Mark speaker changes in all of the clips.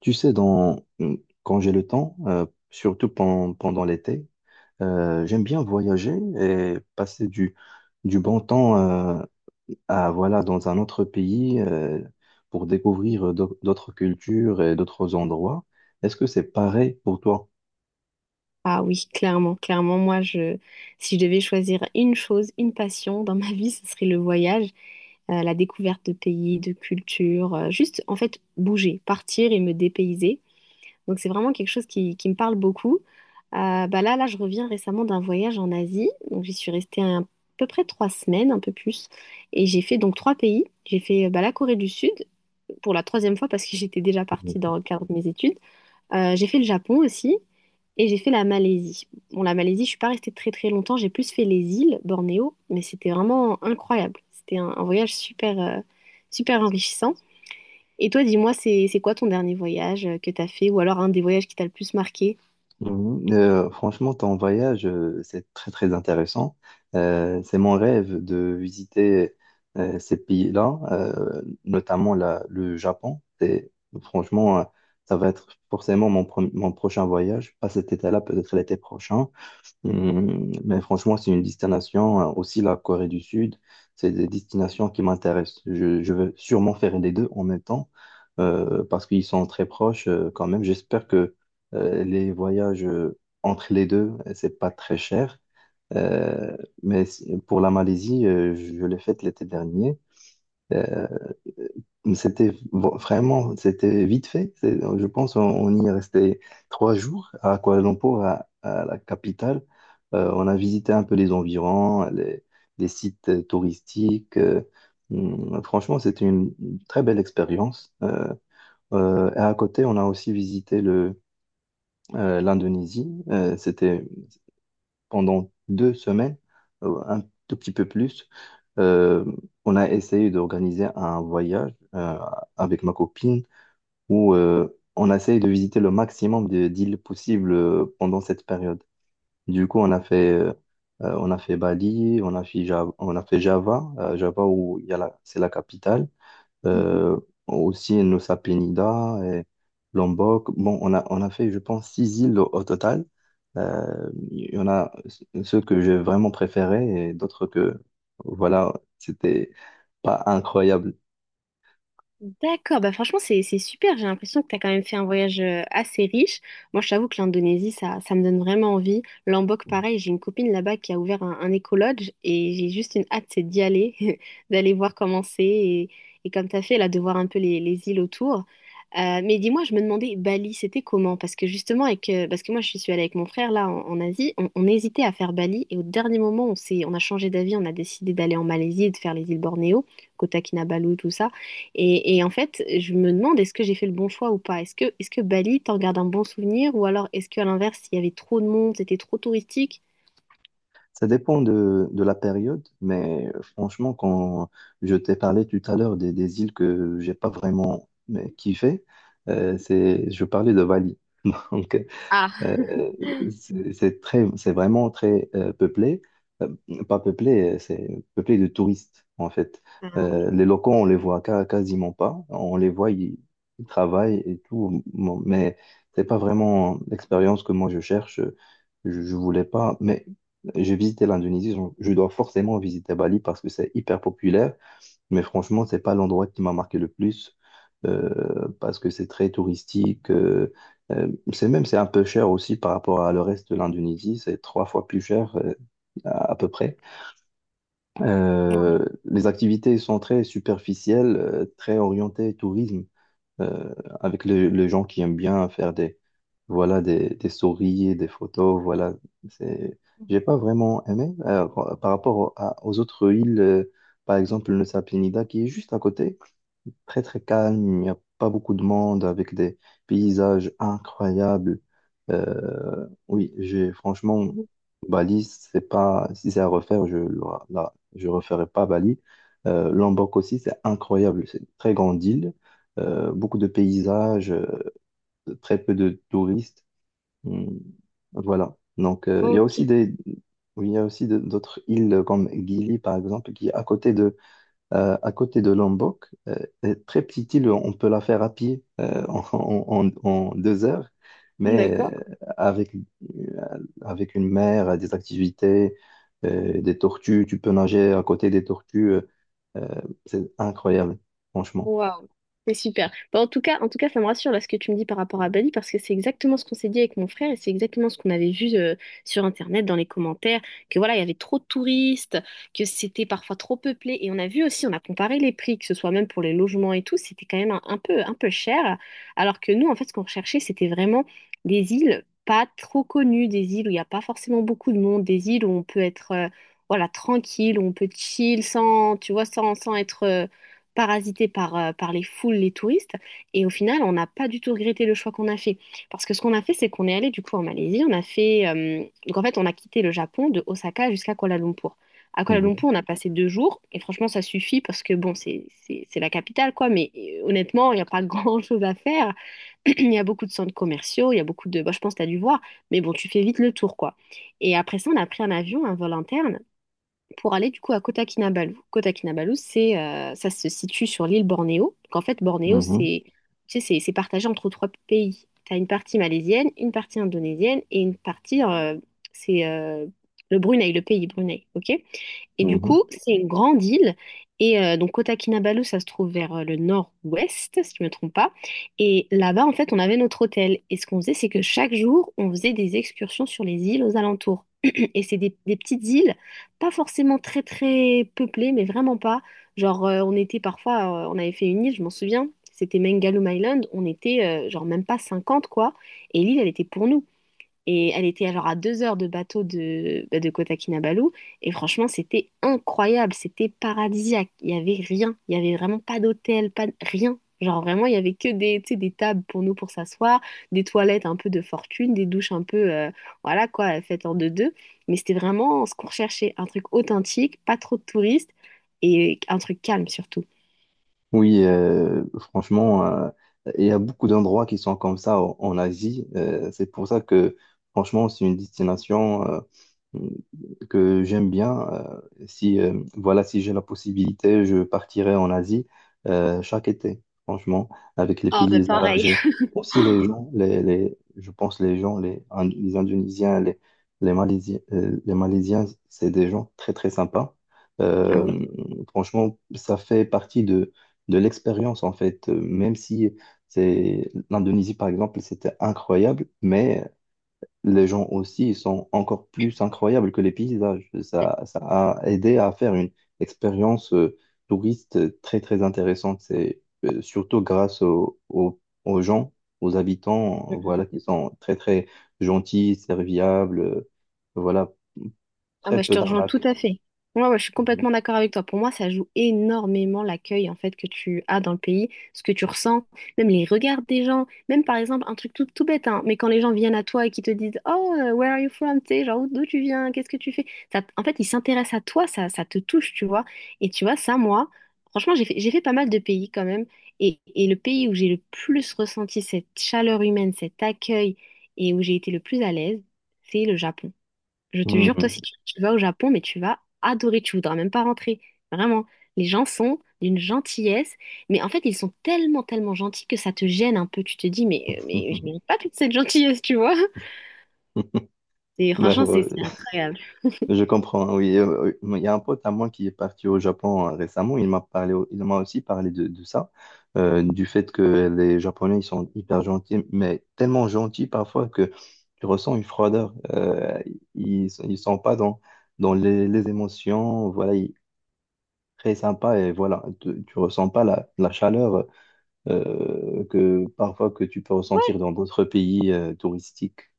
Speaker 1: Tu sais, dans, quand j'ai le temps, surtout pendant l'été, j'aime bien voyager et passer du bon temps à, voilà, dans un autre pays pour découvrir d'autres cultures et d'autres endroits. Est-ce que c'est pareil pour toi?
Speaker 2: Ah oui, clairement, clairement, moi, si je devais choisir une chose, une passion dans ma vie, ce serait le voyage, la découverte de pays, de cultures, juste en fait bouger, partir et me dépayser. Donc c'est vraiment quelque chose qui me parle beaucoup. Là, je reviens récemment d'un voyage en Asie, donc j'y suis restée à peu près trois semaines, un peu plus, et j'ai fait donc trois pays. J'ai fait bah, la Corée du Sud pour la troisième fois parce que j'étais déjà partie dans le cadre de mes études. J'ai fait le Japon aussi. Et j'ai fait la Malaisie. Bon, la Malaisie, je suis pas restée très très longtemps, j'ai plus fait les îles, Bornéo, mais c'était vraiment incroyable. C'était un voyage super, super enrichissant. Et toi, dis-moi, c'est quoi ton dernier voyage que t'as fait, ou alors un des voyages qui t'a le plus marqué?
Speaker 1: Mhm. Franchement, ton voyage, c'est très très intéressant. C'est mon rêve de visiter ces pays-là, notamment le Japon. Franchement, ça va être forcément mon prochain voyage, pas cet été-là, peut-être l'été prochain. Mais franchement, c'est une destination, hein, aussi la Corée du Sud, c'est des destinations qui m'intéressent. Je veux sûrement faire les deux en même temps parce qu'ils sont très proches quand même. J'espère que les voyages entre les deux, c'est pas très cher. Euh, mais pour la Malaisie, je l'ai faite l'été dernier. Euh, euh, C'était vraiment, c'était vite fait. Je pense on y est resté 3 jours à Kuala Lumpur, à la capitale. On a visité un peu les environs, les sites touristiques. Franchement, c'était une très belle expérience. Et à côté, on a aussi visité l'Indonésie. C'était pendant 2 semaines, un tout petit peu plus. Euh, on a essayé d'organiser un voyage avec ma copine où on essaye de visiter le maximum d'îles possibles pendant cette période. Du coup, on a fait Bali, on a fait Java, on a fait Java, Java où il y a la, c'est la capitale, euh, aussi Nusa Penida et Lombok. Bon, on a fait, je pense, 6 îles au total. Il y en a ceux que j'ai vraiment préférés et d'autres que, voilà, c'était pas incroyable.
Speaker 2: D'accord, bah franchement c'est super, j'ai l'impression que tu as quand même fait un voyage assez riche. Moi je t'avoue que l'Indonésie ça me donne vraiment envie. Lombok pareil, j'ai une copine là-bas qui a ouvert un écolodge et j'ai juste une hâte c'est d'y aller, d'aller voir comment c'est, et comme tu as fait là de voir un peu les îles autour. Mais dis-moi, je me demandais Bali c'était comment? Parce que justement avec, parce que moi je suis allée avec mon frère là en Asie, on hésitait à faire Bali et au dernier moment on a changé d'avis, on a décidé d'aller en Malaisie et de faire les îles Bornéo, Kota Kinabalu tout ça. Et en fait, je me demande est-ce que j'ai fait le bon choix ou pas? Est-ce que Bali, t'en gardes un bon souvenir? Ou alors est-ce qu'à l'inverse, il y avait trop de monde, c'était trop touristique?
Speaker 1: Ça dépend de la période, mais franchement, quand je t'ai parlé tout à l'heure des îles que j'ai pas vraiment kiffé, je parlais de Bali. Donc,
Speaker 2: Ah.
Speaker 1: euh, c'est très, c'est vraiment très peuplé. Euh, Pas peuplé, c'est peuplé de touristes en fait.
Speaker 2: Ah oui.
Speaker 1: Les locaux, on les voit quasiment pas, on les voit, ils travaillent et tout. Bon, mais c'est pas vraiment l'expérience que moi je cherche. Je voulais pas, mais j'ai visité l'Indonésie, donc je dois forcément visiter Bali parce que c'est hyper populaire, mais franchement, c'est pas l'endroit qui m'a marqué le plus parce que c'est très touristique. Euh, c'est un peu cher aussi par rapport à le reste de l'Indonésie. C'est 3 fois plus cher à peu près.
Speaker 2: Ouais.
Speaker 1: Les activités sont très superficielles, très orientées tourisme, euh, avec les gens qui aiment bien faire des voilà des stories, et des photos. Voilà, c'est J'ai
Speaker 2: Mhm.
Speaker 1: pas vraiment aimé par rapport aux autres îles. Par exemple, le Nusa Penida qui est juste à côté. Très très calme, il n'y a pas beaucoup de monde avec des paysages incroyables. Oui, j'ai franchement
Speaker 2: Mhm.
Speaker 1: Bali, c'est pas, si c'est à refaire, je referai pas Bali. Lombok aussi, c'est incroyable, c'est une très grande île, beaucoup de paysages, très peu de touristes. Hum, Voilà. Donc il y a aussi
Speaker 2: Ok,
Speaker 1: des Oui, il y a aussi d'autres îles comme Gili par exemple qui est à côté de Lombok. Est très petite île, on peut la faire à pied en 2 heures, mais
Speaker 2: d'accord.
Speaker 1: avec une mer, des activités, des tortues, tu peux nager à côté des tortues. euh, c'est incroyable, franchement.
Speaker 2: Wow. C'est super. Bon, en tout cas, ça me rassure là ce que tu me dis par rapport à Bali parce que c'est exactement ce qu'on s'est dit avec mon frère et c'est exactement ce qu'on avait vu sur Internet dans les commentaires que voilà, il y avait trop de touristes, que c'était parfois trop peuplé et on a vu aussi, on a comparé les prix, que ce soit même pour les logements et tout, c'était quand même un peu cher alors que nous en fait ce qu'on recherchait c'était vraiment des îles pas trop connues, des îles où il n'y a pas forcément beaucoup de monde, des îles où on peut être voilà, tranquille, où on peut chill sans, tu vois, sans, sans être parasité par, par les foules, les touristes. Et au final, on n'a pas du tout regretté le choix qu'on a fait. Parce que ce qu'on a fait, c'est qu'on est allé du coup en Malaisie. On a fait. Donc en fait, on a quitté le Japon de Osaka jusqu'à Kuala Lumpur. À Kuala
Speaker 1: Mhm,
Speaker 2: Lumpur, on a passé deux jours. Et franchement, ça suffit parce que bon, c'est la capitale, quoi. Mais honnêtement, il n'y a pas grand-chose à faire. Il y a beaucoup de centres commerciaux. Il y a beaucoup de. Bah, je pense que tu as dû voir. Mais bon, tu fais vite le tour, quoi. Et après ça, on a pris un avion, un vol interne pour aller du coup à Kota Kinabalu. Kota Kinabalu, ça se situe sur l'île Bornéo. Donc en fait, Bornéo,
Speaker 1: mhm,
Speaker 2: c'est, tu sais, c'est partagé entre trois pays. Tu as une partie malaisienne, une partie indonésienne et une partie, c'est le Brunei, le pays Brunei, ok? Et du
Speaker 1: mhm.
Speaker 2: coup, c'est une grande île. Et donc, Kota Kinabalu, ça se trouve vers le nord-ouest, si je ne me trompe pas. Et là-bas, en fait, on avait notre hôtel. Et ce qu'on faisait, c'est que chaque jour, on faisait des excursions sur les îles aux alentours. Et c'est des petites îles, pas forcément très, très peuplées, mais vraiment pas. Genre, on était parfois, on avait fait une île, je m'en souviens, c'était Mengalum Island. On était, genre, même pas 50, quoi. Et l'île, elle était pour nous. Et elle était alors à deux heures de bateau de, bah, de Kota Kinabalu. Et franchement, c'était incroyable. C'était paradisiaque. Il n'y avait rien. Il n'y avait vraiment pas d'hôtel, pas de- rien. Genre vraiment, il y avait que des, tu sais, des tables pour nous pour s'asseoir, des toilettes un peu de fortune, des douches un peu, voilà quoi, faites en deux-deux. Mais c'était vraiment ce qu'on recherchait. Un truc authentique, pas trop de touristes et un truc calme surtout.
Speaker 1: Oui, franchement, il y a beaucoup d'endroits qui sont comme ça en Asie. C'est pour ça que, franchement, c'est une destination que j'aime bien. Si, voilà, si j'ai la possibilité, je partirai en Asie chaque été, franchement, avec les
Speaker 2: Ah, bah
Speaker 1: paysages
Speaker 2: pareil.
Speaker 1: et aussi les gens, je pense les gens, les Indonésiens, les Malaisiens, c'est des gens très, très sympas.
Speaker 2: Ah oui.
Speaker 1: Euh, Franchement, ça fait partie de l'expérience en fait. Même si c'est l'Indonésie par exemple, c'était incroyable, mais les gens aussi ils sont encore plus incroyables que les paysages. Ça a aidé à faire une expérience touriste très très intéressante. C'est surtout grâce aux gens, aux habitants,
Speaker 2: Mm.
Speaker 1: voilà, qui sont très très gentils, serviables, voilà,
Speaker 2: Ah bah,
Speaker 1: très
Speaker 2: je
Speaker 1: peu
Speaker 2: te rejoins tout
Speaker 1: d'arnaques.
Speaker 2: à fait. Moi, ouais, je suis complètement d'accord avec toi. Pour moi, ça joue énormément l'accueil en fait que tu as dans le pays, ce que tu ressens, même les regards des gens, même par exemple un truc tout, tout bête, hein, mais quand les gens viennent à toi et qui te disent Oh, where are you from? Tu sais, genre d'où tu viens, qu'est-ce que tu fais? Ça, en fait, ils s'intéressent à toi, ça te touche, tu vois. Et tu vois, ça, moi, franchement, j'ai fait pas mal de pays quand même. Et le pays où j'ai le plus ressenti cette chaleur humaine, cet accueil et où j'ai été le plus à l'aise, c'est le Japon. Je te
Speaker 1: Mhm.
Speaker 2: jure, toi, si
Speaker 1: Mhm.
Speaker 2: tu, tu vas au Japon, mais tu vas adorer, tu voudras même pas rentrer. Vraiment. Les gens sont d'une gentillesse, mais en fait, ils sont tellement, tellement gentils que ça te gêne un peu. Tu te dis, mais je mérite pas toute cette gentillesse, tu vois. Et
Speaker 1: Bah
Speaker 2: franchement, c'est
Speaker 1: ouais.
Speaker 2: c'est incroyable.
Speaker 1: Je comprends, hein, oui. Il y a un pote à moi qui est parti au Japon récemment. Il m'a parlé, il m'a aussi parlé de ça, du fait que les Japonais, ils sont hyper gentils, mais tellement gentils parfois que tu ressens une froideur. Ils sont pas dans les émotions. Voilà, très sympa et voilà, tu ressens pas la chaleur que parfois que tu peux ressentir dans d'autres pays touristiques.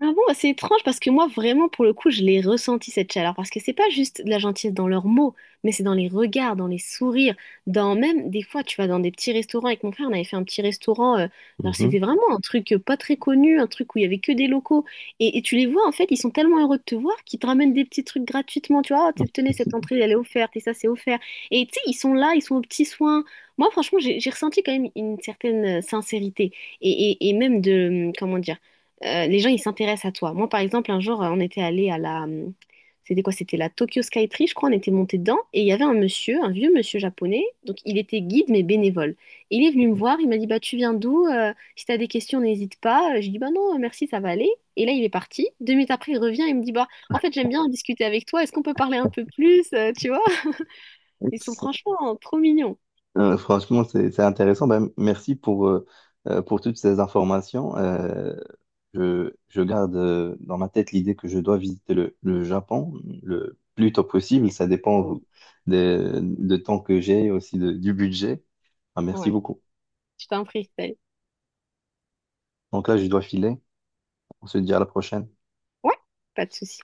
Speaker 2: Ah bon, c'est étrange parce que moi, vraiment, pour le coup, je l'ai ressenti cette chaleur parce que c'est pas juste de la gentillesse dans leurs mots, mais c'est dans les regards, dans les sourires, dans même des fois, tu vas dans des petits restaurants. Avec mon frère, on avait fait un petit restaurant. Alors,
Speaker 1: Mhm.
Speaker 2: c'était vraiment un truc pas très connu, un truc où il y avait que des locaux. Et tu les vois, en fait, ils sont tellement heureux de te voir qu'ils te ramènent des petits trucs gratuitement. Tu vois, Oh, tenez, cette entrée, elle est offerte et ça, c'est offert. Et tu sais, ils sont là, ils sont aux petits soins. Moi, franchement, j'ai ressenti quand même une certaine sincérité et même de, comment dire, les gens, ils s'intéressent à toi. Moi, par exemple, un jour, on était allé à la... C'était quoi? C'était la Tokyo Skytree, je crois. On était monté dedans et il y avait un monsieur, un vieux monsieur japonais. Donc, il était guide, mais bénévole. Et il est venu me voir. Il m'a dit, bah, tu viens d'où? Si t'as des questions, n'hésite pas. J'ai dit, bah non, merci, ça va aller. Et là, il est parti. Deux minutes après, il revient et me dit, bah, en fait, j'aime bien discuter avec toi. Est-ce qu'on peut parler un peu plus? Tu vois? Ils sont franchement trop mignons.
Speaker 1: Franchement, c'est intéressant. Ben, merci pour toutes ces informations. Je garde dans ma tête l'idée que je dois visiter le Japon le plus tôt possible. Ça dépend
Speaker 2: Oui.
Speaker 1: de temps que j'ai et aussi du budget. Ben, merci
Speaker 2: Ouais.
Speaker 1: beaucoup.
Speaker 2: Je t'en prie, Estelle.
Speaker 1: Donc là, je dois filer. On se dit à la prochaine.
Speaker 2: Ouais, pas de souci.